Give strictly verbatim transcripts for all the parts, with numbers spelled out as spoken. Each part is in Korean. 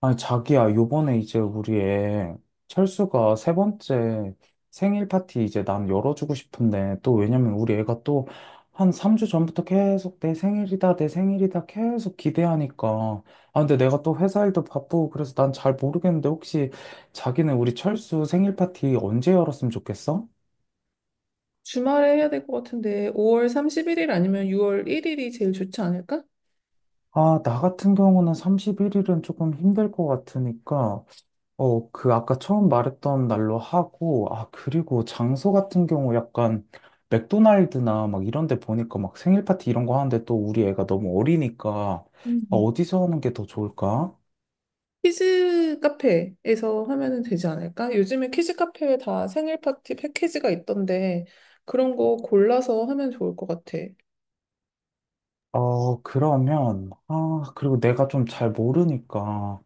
아니, 자기야, 요번에 이제 우리 애 철수가 세 번째 생일 파티 이제 난 열어주고 싶은데, 또 왜냐면 우리 애가 또 한 삼 주 전부터 계속 내 생일이다, 내 생일이다 계속 기대하니까. 아, 근데 내가 또 회사 일도 바쁘고 그래서 난 잘 모르겠는데 혹시 자기는 우리 철수 생일 파티 언제 열었으면 좋겠어? 주말에 해야 될 것 같은데 오월 삼십일 일 아니면 유월 일 일이 제일 좋지 않을까? 아, 나 같은 경우는 삼십일 일은 조금 힘들 것 같으니까. 어, 그 아까 처음 말했던 날로 하고, 아, 그리고 장소 같은 경우 약간 맥도날드나 막 이런 데 보니까 막 생일 파티 이런 거 하는데 또 우리 애가 너무 어리니까 아, 음. 어디서 하는 게 더 좋을까? 키즈 카페에서 하면은 되지 않을까? 요즘에 키즈 카페에 다 생일 파티 패키지가 있던데 그런 거 골라서 하면 좋을 것 같아. 어, 그러면, 아, 그리고 내가 좀 잘 모르니까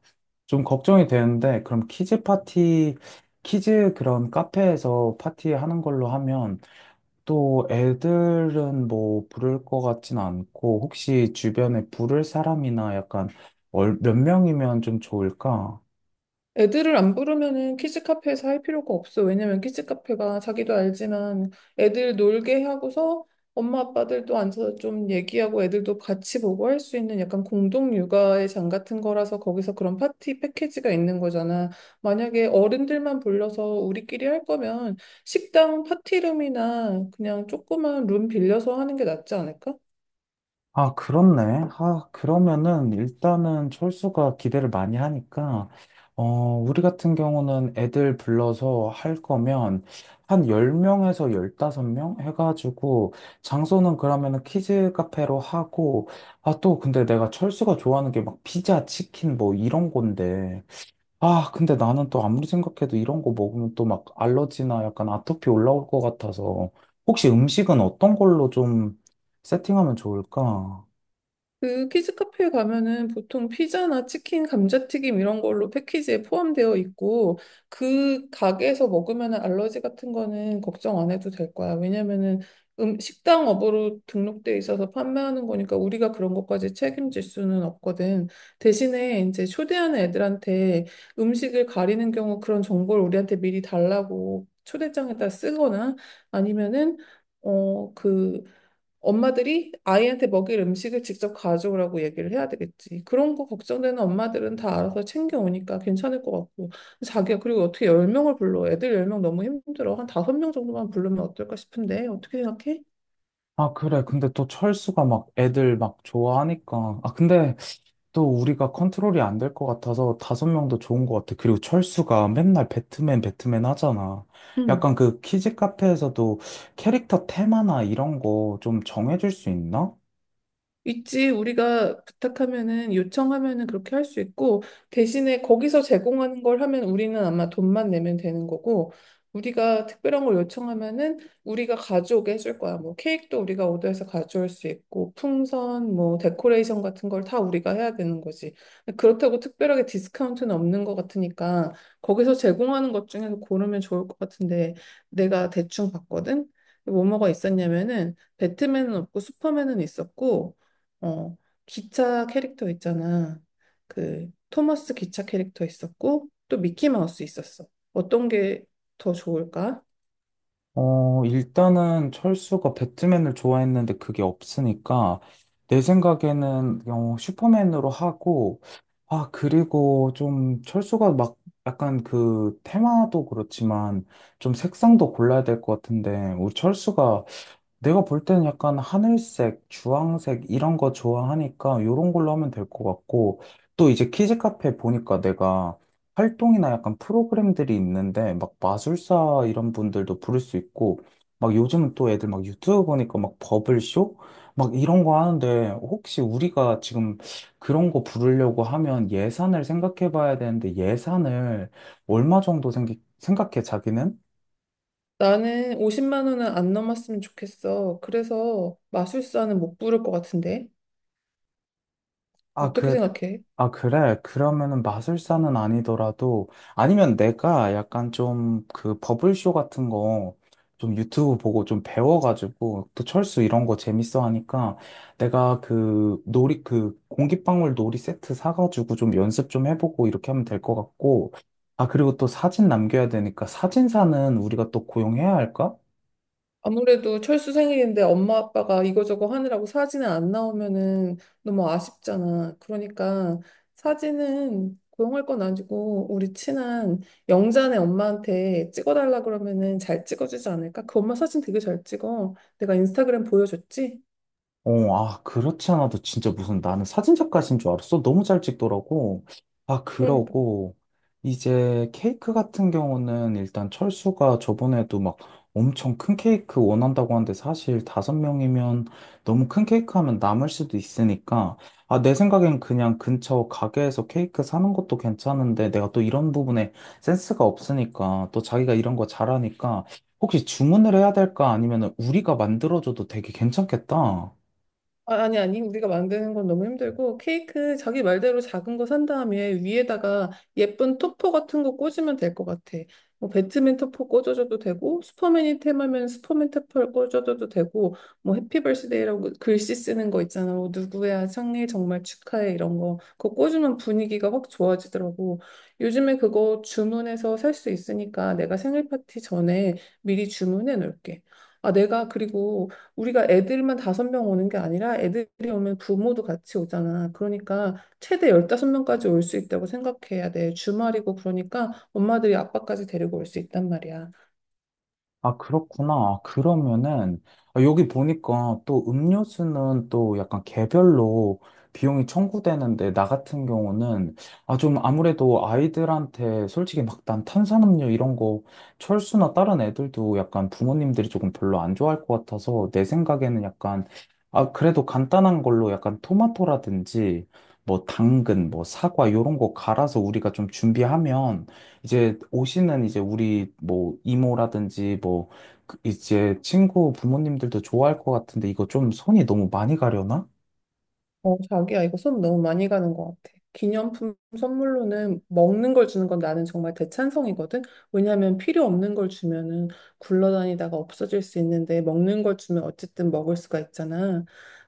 좀 걱정이 되는데, 그럼 키즈 파티, 키즈 그런 카페에서 파티 하는 걸로 하면 또 애들은 뭐 부를 것 같진 않고 혹시 주변에 부를 사람이나 약간 얼- 몇 명이면 좀 좋을까? 애들을 안 부르면은 키즈 카페에서 할 필요가 없어. 왜냐면 키즈 카페가 자기도 알지만 애들 놀게 하고서 엄마 아빠들도 앉아서 좀 얘기하고 애들도 같이 보고 할 수 있는 약간 공동 육아의 장 같은 거라서 거기서 그런 파티 패키지가 있는 거잖아. 만약에 어른들만 불러서 우리끼리 할 거면 식당 파티룸이나 그냥 조그만 룸 빌려서 하는 게 낫지 않을까? 아, 그렇네. 아, 그러면은 일단은 철수가 기대를 많이 하니까 어, 우리 같은 경우는 애들 불러서 할 거면 한 열 명에서 열다섯 명 해가지고 장소는 그러면은 키즈 카페로 하고 아, 또 근데 내가 철수가 좋아하는 게 막 피자, 치킨 뭐 이런 건데 아, 근데 나는 또 아무리 생각해도 이런 거 먹으면 또 막 알러지나 약간 아토피 올라올 것 같아서 혹시 음식은 어떤 걸로 좀 세팅하면 좋을까? 그 키즈 카페에 가면은 보통 피자나 치킨, 감자튀김 이런 걸로 패키지에 포함되어 있고 그 가게에서 먹으면은 알러지 같은 거는 걱정 안 해도 될 거야. 왜냐면은 음, 식당 업으로 등록돼 있어서 판매하는 거니까 우리가 그런 것까지 책임질 수는 없거든. 대신에 이제 초대하는 애들한테 음식을 가리는 경우 그런 정보를 우리한테 미리 달라고 초대장에다 쓰거나 아니면은 어, 그 엄마들이 아이한테 먹일 음식을 직접 가져오라고 얘기를 해야 되겠지. 그런 거 걱정되는 엄마들은 다 알아서 챙겨오니까 괜찮을 것 같고. 자기가 그리고 어떻게 열 명을 불러? 애들 열 명 너무 힘들어. 한 다섯 명 정도만 부르면 어떨까 싶은데 어떻게 생각해? 아, 그래. 근데 또 철수가 막 애들 막 좋아하니까. 아, 근데 또 우리가 컨트롤이 안 될 것 같아서 다섯 명도 좋은 것 같아. 그리고 철수가 맨날 배트맨, 배트맨 하잖아. 약간 그 키즈 카페에서도 캐릭터 테마나 이런 거 좀 정해줄 수 있나? 있지, 우리가 부탁하면은, 요청하면은 그렇게 할 수 있고, 대신에 거기서 제공하는 걸 하면 우리는 아마 돈만 내면 되는 거고, 우리가 특별한 걸 요청하면은 우리가 가져오게 해줄 거야. 뭐 케이크도 우리가 오더해서 가져올 수 있고, 풍선, 뭐 데코레이션 같은 걸 다 우리가 해야 되는 거지. 그렇다고 특별하게 디스카운트는 없는 것 같으니까, 거기서 제공하는 것 중에서 고르면 좋을 것 같은데, 내가 대충 봤거든? 뭐뭐가 있었냐면은, 배트맨은 없고 슈퍼맨은 있었고 어, 기차 캐릭터 있잖아. 그 토머스 기차 캐릭터 있었고 또 미키마우스 있었어. 어떤 게 더 좋을까? 어, 일단은 철수가 배트맨을 좋아했는데 그게 없으니까 내 생각에는 어, 슈퍼맨으로 하고 아, 그리고 좀 철수가 막 약간 그 테마도 그렇지만 좀 색상도 골라야 될 것 같은데 우리 철수가 내가 볼 때는 약간 하늘색, 주황색 이런 거 좋아하니까 요런 걸로 하면 될 것 같고 또 이제 키즈 카페 보니까 내가 활동이나 약간 프로그램들이 있는데 막 마술사 이런 분들도 부를 수 있고 막 요즘은 또 애들 막 유튜브 보니까 막 버블쇼 막 이런 거 하는데 혹시 우리가 지금 그런 거 부르려고 하면 예산을 생각해 봐야 되는데 예산을 얼마 정도 생기, 생각해 자기는? 나는 오십만 원은 안 넘었으면 좋겠어. 그래서 마술사는 못 부를 것 같은데. 아, 어떻게 그, 생각해? 아, 그래. 그러면은 마술사는 아니더라도, 아니면 내가 약간 좀 그 버블쇼 같은 거 좀 유튜브 보고 좀 배워가지고, 또 철수 이런 거 재밌어 하니까, 내가 그 놀이, 그 공기방울 놀이 세트 사가지고 좀 연습 좀 해보고 이렇게 하면 될 것 같고, 아, 그리고 또 사진 남겨야 되니까 사진사는 우리가 또 고용해야 할까? 아무래도 철수 생일인데 엄마 아빠가 이거저거 하느라고 사진은 안 나오면은 너무 아쉽잖아. 그러니까 사진은 고용할 건 아니고 우리 친한 영자네 엄마한테 찍어달라 그러면은 잘 찍어주지 않을까? 그 엄마 사진 되게 잘 찍어. 내가 인스타그램 보여줬지? 어, 아, 그렇지 않아도 진짜 무슨 나는 사진작가신 줄 알았어. 너무 잘 찍더라고. 아, 그러니까 그러고, 이제 케이크 같은 경우는 일단 철수가 저번에도 막 엄청 큰 케이크 원한다고 하는데 사실 다섯 명이면 너무 큰 케이크 하면 남을 수도 있으니까, 아, 내 생각엔 그냥 근처 가게에서 케이크 사는 것도 괜찮은데 내가 또 이런 부분에 센스가 없으니까 또 자기가 이런 거 잘하니까 혹시 주문을 해야 될까? 아니면 우리가 만들어줘도 되게 괜찮겠다. 아, 아니, 아니, 우리가 만드는 건 너무 힘들고, 케이크 자기 말대로 작은 거 산 다음에 위에다가 예쁜 토퍼 같은 거 꽂으면 될 것 같아. 뭐, 배트맨 토퍼 꽂아줘도 되고, 슈퍼맨이 템하면 슈퍼맨 토퍼를 꽂아줘도 되고, 뭐, 해피 벌스데이라고 글씨 쓰는 거 있잖아. 뭐, 누구야, 생일 정말 축하해. 이런 거. 그거 꽂으면 분위기가 확 좋아지더라고. 요즘에 그거 주문해서 살 수 있으니까 내가 생일 파티 전에 미리 주문해 놓을게. 아, 내가 그리고 우리가 애들만 다섯 명 오는 게 아니라 애들이 오면 부모도 같이 오잖아. 그러니까 최대 열다섯 명까지 올 수 있다고 생각해야 돼. 주말이고 그러니까 엄마들이 아빠까지 데리고 올 수 있단 말이야. 아, 그렇구나. 그러면은, 아, 여기 보니까 또 음료수는 또 약간 개별로 비용이 청구되는데, 나 같은 경우는, 아, 좀 아무래도 아이들한테 솔직히 막 난 탄산음료 이런 거, 철수나 다른 애들도 약간 부모님들이 조금 별로 안 좋아할 것 같아서, 내 생각에는 약간, 아, 그래도 간단한 걸로 약간 토마토라든지, 뭐 당근, 뭐 사과, 요런 거 갈아서 우리가 좀 준비하면, 이제 옷이는 이제 우리 뭐 이모라든지 뭐 그 이제 친구 부모님들도 좋아할 것 같은데 이거 좀 손이 너무 많이 가려나? 어, 자기야, 이거 수업 너무 많이 가는 것 같아. 기념품 선물로는 먹는 걸 주는 건 나는 정말 대찬성이거든. 왜냐하면 필요 없는 걸 주면은 굴러다니다가 없어질 수 있는데 먹는 걸 주면 어쨌든 먹을 수가 있잖아.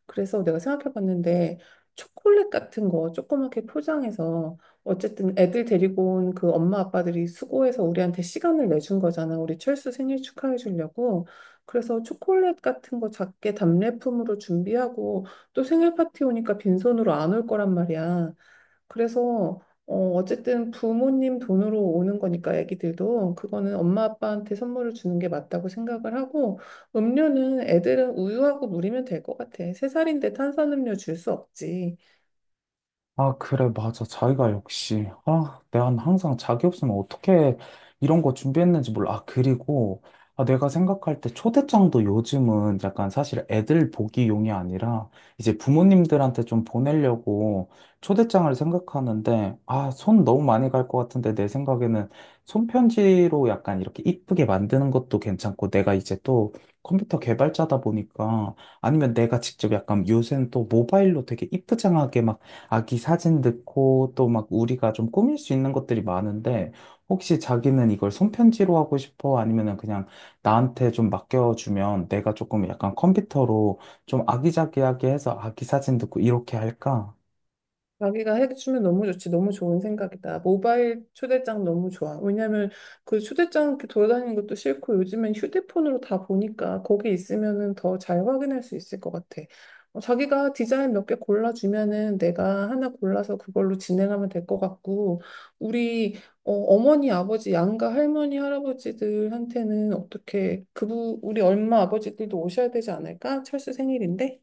그래서 내가 생각해 봤는데 초콜릿 같은 거 조그맣게 포장해서 어쨌든 애들 데리고 온 그 엄마 아빠들이 수고해서 우리한테 시간을 내준 거잖아. 우리 철수 생일 축하해 주려고. 그래서 초콜릿 같은 거 작게 답례품으로 준비하고 또 생일 파티 오니까 빈손으로 안 올 거란 말이야. 그래서 어, 어쨌든 부모님 돈으로 오는 거니까 애기들도 그거는 엄마 아빠한테 선물을 주는 게 맞다고 생각을 하고 음료는 애들은 우유하고 물이면 될 것 같아. 세 살인데 탄산음료 줄 수 없지. 아, 그래, 맞아. 자기가 역시. 아, 난 항상 자기 없으면 어떻게 이런 거 준비했는지 몰라. 아, 그리고, 아, 내가 생각할 때 초대장도 요즘은 약간 사실 애들 보기용이 아니라 이제 부모님들한테 좀 보내려고 초대장을 생각하는데, 아, 손 너무 많이 갈 것 같은데 내 생각에는 손편지로 약간 이렇게 이쁘게 만드는 것도 괜찮고, 내가 이제 또 컴퓨터 개발자다 보니까 아니면 내가 직접 약간 요새는 또 모바일로 되게 이쁘장하게 막 아기 사진 넣고 또 막 우리가 좀 꾸밀 수 있는 것들이 많은데 혹시 자기는 이걸 손편지로 하고 싶어? 아니면은 그냥 나한테 좀 맡겨주면 내가 조금 약간 컴퓨터로 좀 아기자기하게 해서 아기 사진 넣고 이렇게 할까? 자기가 해주면 너무 좋지. 너무 좋은 생각이다. 모바일 초대장 너무 좋아. 왜냐면 그 초대장 이렇게 돌아다니는 것도 싫고 요즘엔 휴대폰으로 다 보니까 거기 있으면은 더 잘 확인할 수 있을 것 같아. 어, 자기가 디자인 몇 개 골라주면은 내가 하나 골라서 그걸로 진행하면 될 것 같고, 우리 어, 어머니, 아버지, 양가, 할머니, 할아버지들한테는 어떻게 그부 우리 엄마, 아버지들도 오셔야 되지 않을까? 철수 생일인데?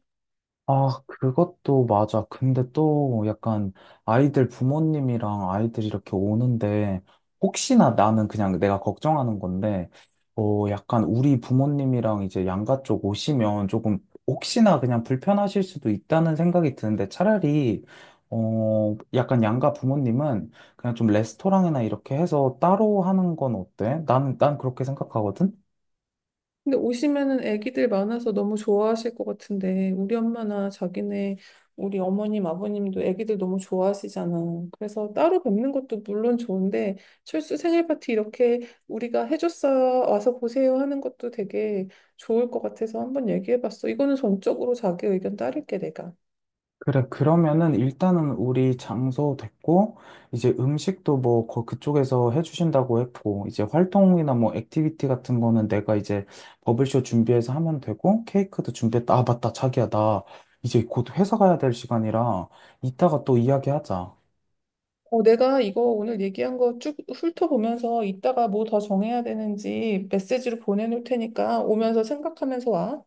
아, 그것도 맞아. 근데 또 약간 아이들 부모님이랑 아이들이 이렇게 오는데 혹시나 나는 그냥 내가 걱정하는 건데 어, 약간 우리 부모님이랑 이제 양가 쪽 오시면 조금 혹시나 그냥 불편하실 수도 있다는 생각이 드는데 차라리 어, 약간 양가 부모님은 그냥 좀 레스토랑이나 이렇게 해서 따로 하는 건 어때? 난, 난 그렇게 생각하거든. 근데 오시면은 애기들 많아서 너무 좋아하실 것 같은데 우리 엄마나 자기네 우리 어머님 아버님도 애기들 너무 좋아하시잖아. 그래서 따로 뵙는 것도 물론 좋은데 철수 생일 파티 이렇게 우리가 해줬어요 와서 보세요 하는 것도 되게 좋을 것 같아서 한번 얘기해봤어. 이거는 전적으로 자기 의견 따를게 내가. 그래, 그러면은 일단은 우리 장소 됐고, 이제 음식도 뭐 거- 그쪽에서 해주신다고 했고, 이제 활동이나 뭐 액티비티 같은 거는 내가 이제 버블쇼 준비해서 하면 되고, 케이크도 준비했다. 아, 맞다. 자기야, 나 이제 곧 회사 가야 될 시간이라 이따가 또 이야기하자. 어, 내가 이거 오늘 얘기한 거 쭉 훑어보면서 이따가 뭐 더 정해야 되는지 메시지로 보내놓을 테니까 오면서 생각하면서 와.